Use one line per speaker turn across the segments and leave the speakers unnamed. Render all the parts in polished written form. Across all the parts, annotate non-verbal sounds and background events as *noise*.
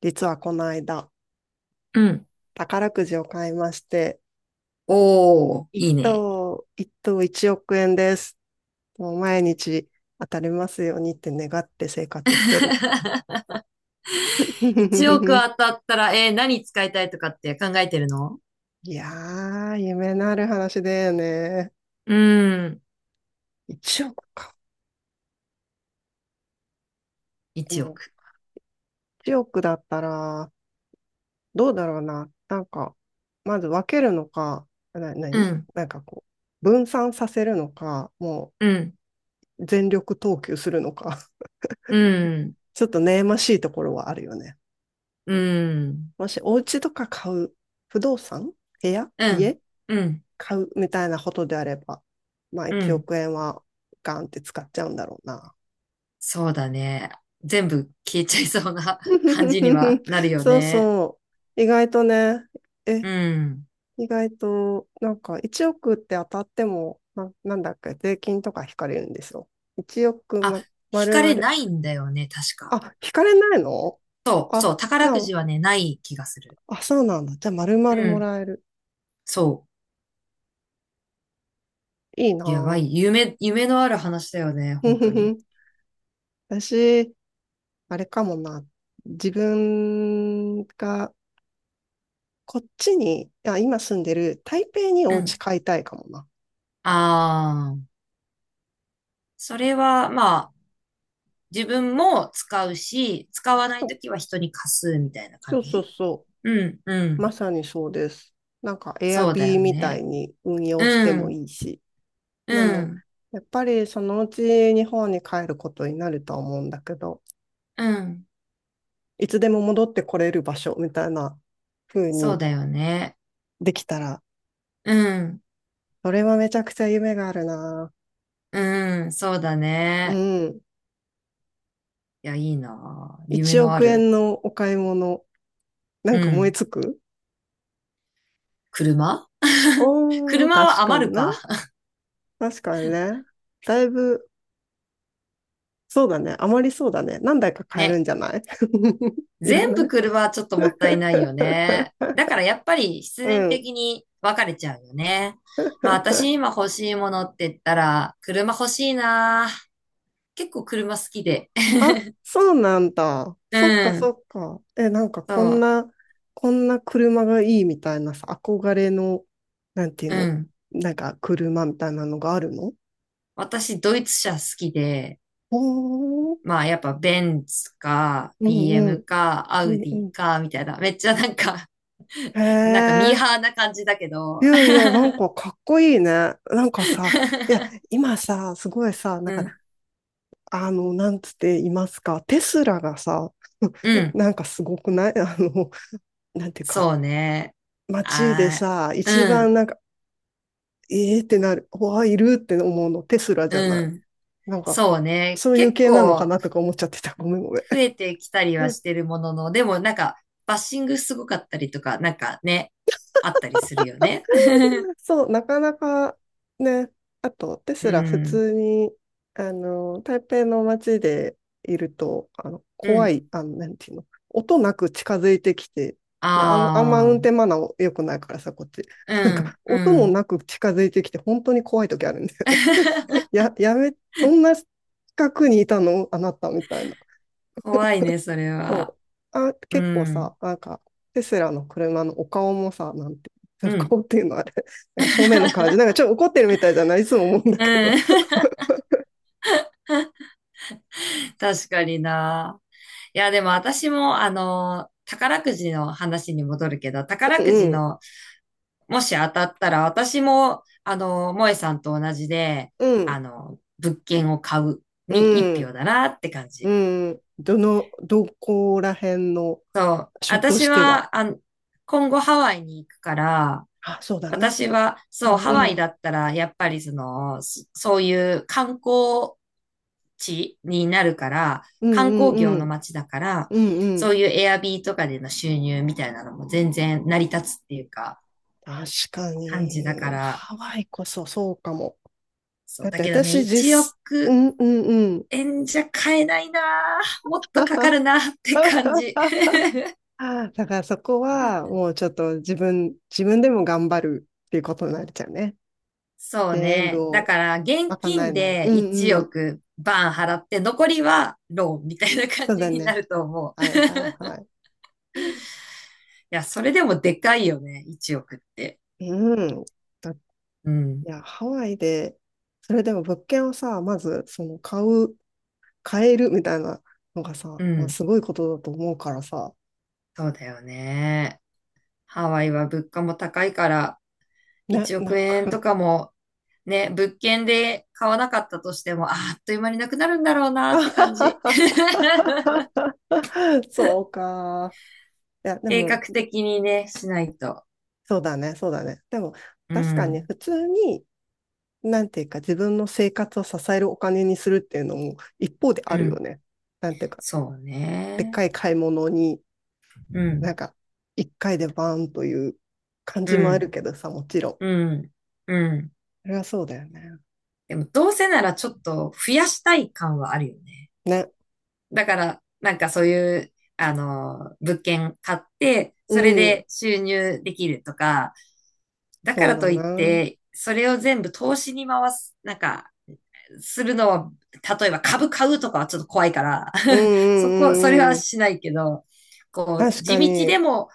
実はこの間、
うん。
宝くじを買いまして、
おー、
一
いいね。
等、一等1億円です。もう毎日当たりますようにって願って生活してる。
*laughs* 1億
*laughs*
当たったら、何使いたいとかって考えてるの？
いやー、夢のある話だよね。
うーん、
一億か。で
1
も、
億。
1億だったら、どうだろうな。なんか、まず分けるのか、な、な
う
に
ん、
なんかこう、分散させるのか、も
うん、
う全力投球するのか。
うん、
ちょっと悩ましいところはあるよね。
うん、
もしお家とか買う、不動産、部屋、
う
家、
ん、うん、
買うみたいなことであれば、まあ
う
1
ん。
億円はガンって使っちゃうんだろうな。
そうだね。全部消えちゃいそうな *laughs* 感じには
*laughs*
なるよ
そう
ね。
そう。意外とね、え、
うん。
意外と、なんか1億って当たっても、なんだっけ、税金とか引かれるんですよ。1億
あ、
ま
引
る
か
ま
れ
る。
ないんだよね、確か。
あ、引かれないの？
そう、そう、
あ、じ
宝
ゃ
く
あ、
じはね、ない気がする。
あ、そうなんだ。じゃあ、まるまる
う
も
ん、
らえる。
そ
いい
う。やば
な
い。夢のある話だよね、
ぁ。
本当に。
*laughs* 私、あれかもな。自分がこっちに、あ、今住んでる台北にお
う
家
ん、
買いたいかもな。
ああ、それは、まあ、自分も使うし、使わな
そ
いと
う
きは人に貸すみたいな感
そうそう
じ。
そ
うん、う
う。
ん。
まさにそうです。なんか
そうだ
Airb
よ
みたい
ね。
に運用して
う
も
ん、
いいし。で
う
も、
ん、
やっぱりそのうち日本に帰ることになると思うんだけど、
うん。
いつでも戻ってこれる場所みたいな風
そう
に
だよね。
できたら、
うん、
それはめちゃくちゃ夢があるな。
うん、そうだ
う
ね。
ん。
いや、いいなあ。夢
1
のあ
億
る。
円のお買い物。な
う
んか思い
ん。
つく。
車 *laughs*
おー、
車は
確か
余
に
る
な。
か。
確かにね。だいぶ、そうだね。あまりそうだね。何台か買えるん
ね。
じゃない？ *laughs* いら
全
な
部
い。
車はちょっともったいないよ
*laughs*
ね。だからやっぱり必
う
然
ん。
的に別れちゃうよね。まあ私今欲しいものって言ったら、車欲しいな。結構車好きで。*laughs*
あ、そうなんだ。そっか
う
そ
ん。
っか。え、なんか
そ
こん
う。
な、こんな車がいいみたいなさ、憧れの、なんていう
う
の、
ん。
なんか車みたいなのがあるの？
私ドイツ車好きで、
おー、
まあやっぱベンツか、
うんう
BM
ん、
か、ア
う
ウデ
んう
ィ
ん。
か、みたいな。めっちゃなんか、
へ
*laughs* なんかミー
え、
ハーな感じだけ
い
ど。
やい
*laughs*
や、なんかかっこいいね。なんかさ、いや、今さ、すごいさ、なんか、
うん。
あの、なんつって言いますか、テスラがさ、
う
*laughs*
ん。
なんかすごくない？ *laughs* あの、なんていうか、
そうね。
街で
あ
さ、一
ー、
番なんか、えーってなる、わあ、いるって思うの、テスラじ
う
ゃ
ん。
な
う
い？
ん。
なんか、
そうね。
そういう
結
系なのか
構
なとか思っちゃってた。ごめんごめん。
増えてきたりはしてるものの、でもなんかバッシングすごかったりとか、なんかね、あったりするよね。*laughs*
そう、なかなかね、あと、テス
う
ラ普
ん。
通に、あの、台北の街でいると、あの、
う
怖
ん。
い、あの、なんていうの、音なく近づいてきて、で、あんま運
あ
転
あ。
マナー良くないからさ、こっち。
う
*laughs* なんか、
ん。
音
う
も
ん。
なく近づいてきて、本当に怖い時あるんで、
*laughs*
や、やめ、そんな近くにいたのあなたみたいな。
怖いね、それは。
そう。あ、
う
結構
ん。
さ、なんか、テスラの車のお顔もさ、なんて、お
うん。
顔っていうのはあれ、*laughs* なんか正面の顔じゃ、
*laughs*
なんかちょっと怒ってるみたいじゃない？いつも思うんだ
う
けど。
ん。*laughs* 確かにな。いや、でも私も、宝くじの話に戻るけど、宝
う
くじ
ん、
のもし当たったら、私も、萌えさんと同じで、
うん、
物件を買う
う
に一
ん、
票だなって感じ。
うん。どこら辺の
そう。
書と
私
しては。
は、今後ハワイに行くから、
あ、そうだな。
私は、
う
そう、
ん、
ハ
う
ワイ
ん、
だったら、やっぱりその、そういう観光地になるから、
うん、
観光
う
業の
ん、
街だから、
うん、う
そ
ん。
ういうエアビーとかでの収入みたいなのも全然成り立つっていうか、
確か
感じだか
に、
ら、
ハワイこそそうかも。
そう、
だっ
だ
て
けどね、
私
1
実、う
億
ん、うん、うん。
円じゃ買えないなぁもっとかかる
*laughs*
なって感じ。
ああ、だからそこはもうちょっと自分でも頑張るっていうことになっちゃうね。
そう
全部
ね。だ
を
から、現
賄え
金
ない。
で
うん
1
うん。
億バーン払って、残りはローンみたいな感
そう
じ
だ
にな
ね。
ると思う。
は
い
いはいはい。
や、それでもでかいよね。1億って。
うん。だい
うん。
や、ハワイで、それでも物件をさ、まずその買う、買えるみたいなのが
う
さ、まあ、
ん。
すごいことだと思うからさ。
そうだよね。ハワイは物価も高いから、
ね、
1
なん
億円
か。
とかもね、物件で買わなかったとしても、あーっという間になくなるんだろうなって感じ。
*laughs*
*laughs*
そうか。いや、で
計
も、
画的にね、しないと。
そうだね、そうだね。でも、
う
確かに
ん。
普通になんていうか、自分の生活を支えるお金にするっていうのも一方であ
う
るよ
ん。
ね。なんていうか、
そう
でっ
ね。
かい買い物に、
う
な
ん。
んか、一回でバーンという感じ
う
もある
ん。
けどさ、もちろん。
うん。うん。
それはそうだよね。
でも、どうせならちょっと増やしたい感はあるよね。
ね。
だから、なんかそういう、物件買って、
う
それ
ん。
で収入できるとか、だか
そう
ら
だ
とい
な。
っ
うん
て、それを全部投資に回す、なんかするのは、例えば株買うとかはちょっと怖いから、
うん
*laughs* それ
うん
は
うん。
しないけど、こう、
確
地
か
道で
に、
も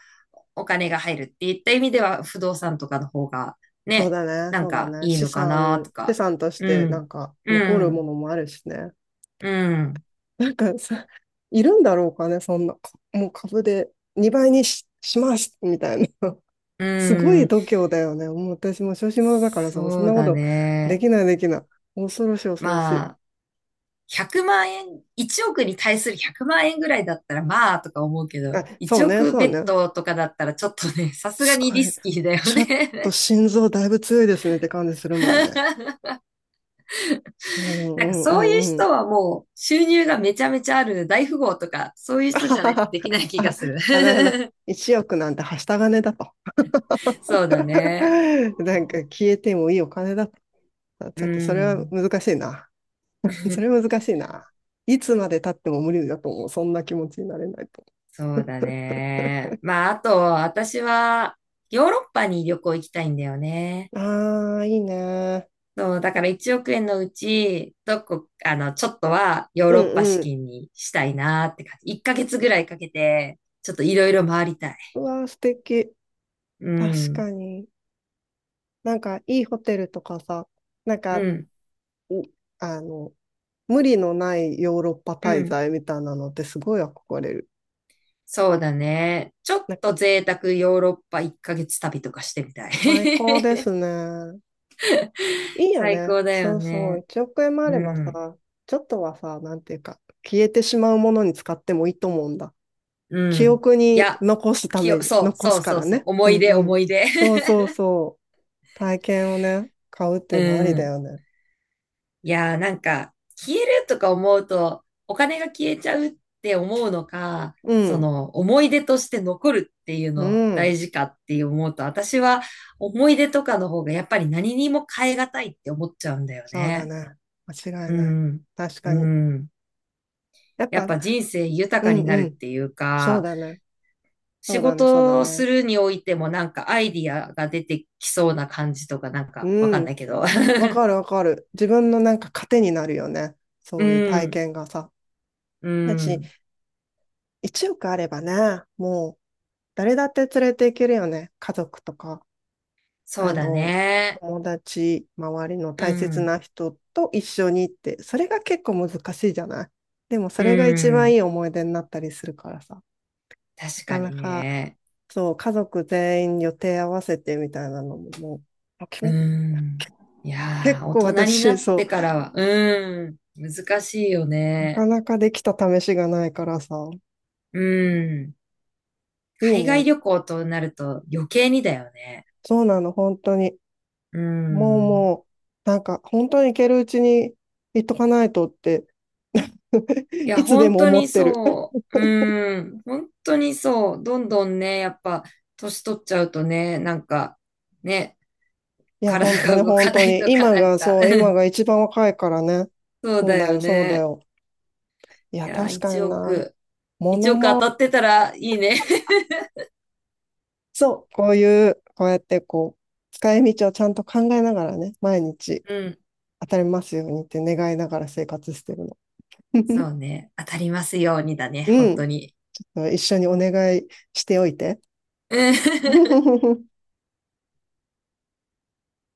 お金が入るっていった意味では、不動産とかの方が、
そう
ね、
だね。
なん
そうだ
か
ね。
いい
資
のか
産
なと
に、資
か。
産とし
う
てな
ん、
んか
う
残るも
ん、
のもあるしね。
うん、
なんかさ、いるんだろうかね、そんな。かもう株で2倍しますみたいな。
う
すごい
ん。
度胸だよね。もう私も小心者だからさ、もうそん
そう
なこ
だ
とで
ね。
きないできない。恐ろしい恐ろし
まあ、
い。
100万円、1億に対する100万円ぐらいだったら、まあ、とか思うけ
あ、
ど、
そ
1
うね、
億
そ
ベ
う
ッ
ね。
ドとかだったら、ちょっとね、さすが
す
に
ご
リ
い。
スキーだよ
ちょっと
ね。
心臓だいぶ強いですねって感じするもんね。
*laughs*
うんう
なんか
んう
そういう
んう
人
ん。
はもう収入がめちゃめちゃある大富豪とか、そうい
*laughs*
う
あ
人
は
じゃな
は
いと
は
できない気が
あ、
する。
あなるほど。
*laughs*
1億なんてはした金だと。
そうだね。
*laughs* なんか消えてもいいお金だと。あ
う
ちょっとそれは
ん。
難しいな。*laughs* それは
*laughs*
難しいな。いつまで経っても無理だと思う。そんな気持ちになれないと
そうだね。まあ、あと、私はヨーロッパに旅行行きたいんだよね。
思う。ああ、いいね。
そう、だから1億円のうち、どこ、あの、ちょっとはヨー
う
ロッパ
ん
資
うん。
金にしたいなって感じ。1ヶ月ぐらいかけて、ちょっといろいろ回りたい。
うわー、素敵。
う
確
ん、
かに。なんか、いいホテルとかさ、なん
う
か、
ん、
うあの、無理のないヨーロッパ
う
滞
ん。
在みたいなのってすごい憧れる。
そうだね。ちょっ
なんか
と贅沢ヨーロッパ1ヶ月旅とかしてみたい。
最高です
*laughs*
ね。いいよ
最
ね。
高だよ
そうそう。
ね。
1億円もあ
う
れば
ん。
さ、ちょっとはさ、なんていうか、消えてしまうものに使ってもいいと思うんだ。
う
記
ん。
憶
い
に
や、
残すために、
そう、
残
そ
す
う
か
そう
ら
そう。
ね。
思
う
い
ん
出、
うん。
思い出。
そう
*laughs*
そうそう。体験をね、買うっていうのあり
う
だ
ん。
よね。
いやー、なんか、消えるとか思うと、お金が消えちゃうって思うのか、
う
そ
ん。
の、思い出として残るっていう
う
の
ん。
大事かって思うと、私は思い出とかの方がやっぱり何にも変えがたいって思っちゃうんだよ
そうだ
ね。
な。間違い
う
ない。
ん。
確
う
かに。
ん。
やっ
や
ぱ、
っぱ
う
人生豊か
ん
にな
う
るっ
ん。
ていう
そう
か、
だね。そ
仕
うだね。そうだ
事をす
ね。
るにおいてもなんかアイディアが出てきそうな感じとかなんかわか
う
ん
ん。
ないけど。*laughs*
わかるわかる。自分のなんか糧になるよね。
う
そういう体
ん、
験がさ。
う
だし、
ん。
1億あればね、もう誰だって連れていけるよね。家族とか、
そ
あ
うだ
の、
ね。
友達、周りの
う
大切
ん、
な人と一緒にって、それが結構難しいじゃない？でもそ
う
れが一番
ん。
いい思い出になったりするからさ。な
確
か
か
な
に
か
ね。
そう、家族全員予定合わせてみたいなのも、もう、決
う
めた。
ん。いや
結
ー、大
構
人にな
私、
って
そ
からは、うん、難しいよ
う、なか
ね。
なかできた試しがないからさ、
うん。
いい
海外
ね。
旅行となると余計にだよね。
そうなの、本当に。
う
もう
ん。
もう、なんか、本当に行けるうちに行っとかないとって、
い
*laughs*
や、
いつで
本
も
当
思
に
ってる。
そう。うーん、本当にそう。どんどんね、やっぱ、年取っちゃうとね、なんか、ね、
いや、
体
本当
が
に
動
本
かな
当
い
に。
とか、*laughs*
今
なん
が
か、
そう、
う
今
ん、
が一番若いからね。
そう
そう
だ
だ
よ
よ、そうだ
ね。
よ。い
い
や、
や、
確か
1
にな。
億、
モ
1
ノ
億当
マ
たってたらいいね。
そう、こういう、こうやってこう、使い道をちゃんと考えながらね、毎日
うん、
当たりますようにって願いながら生活してるの。
そ
*laughs*
うね。当たりますようにだね、
う
本当
ん、
に。
一緒にお願いしておいて。
うん
*laughs*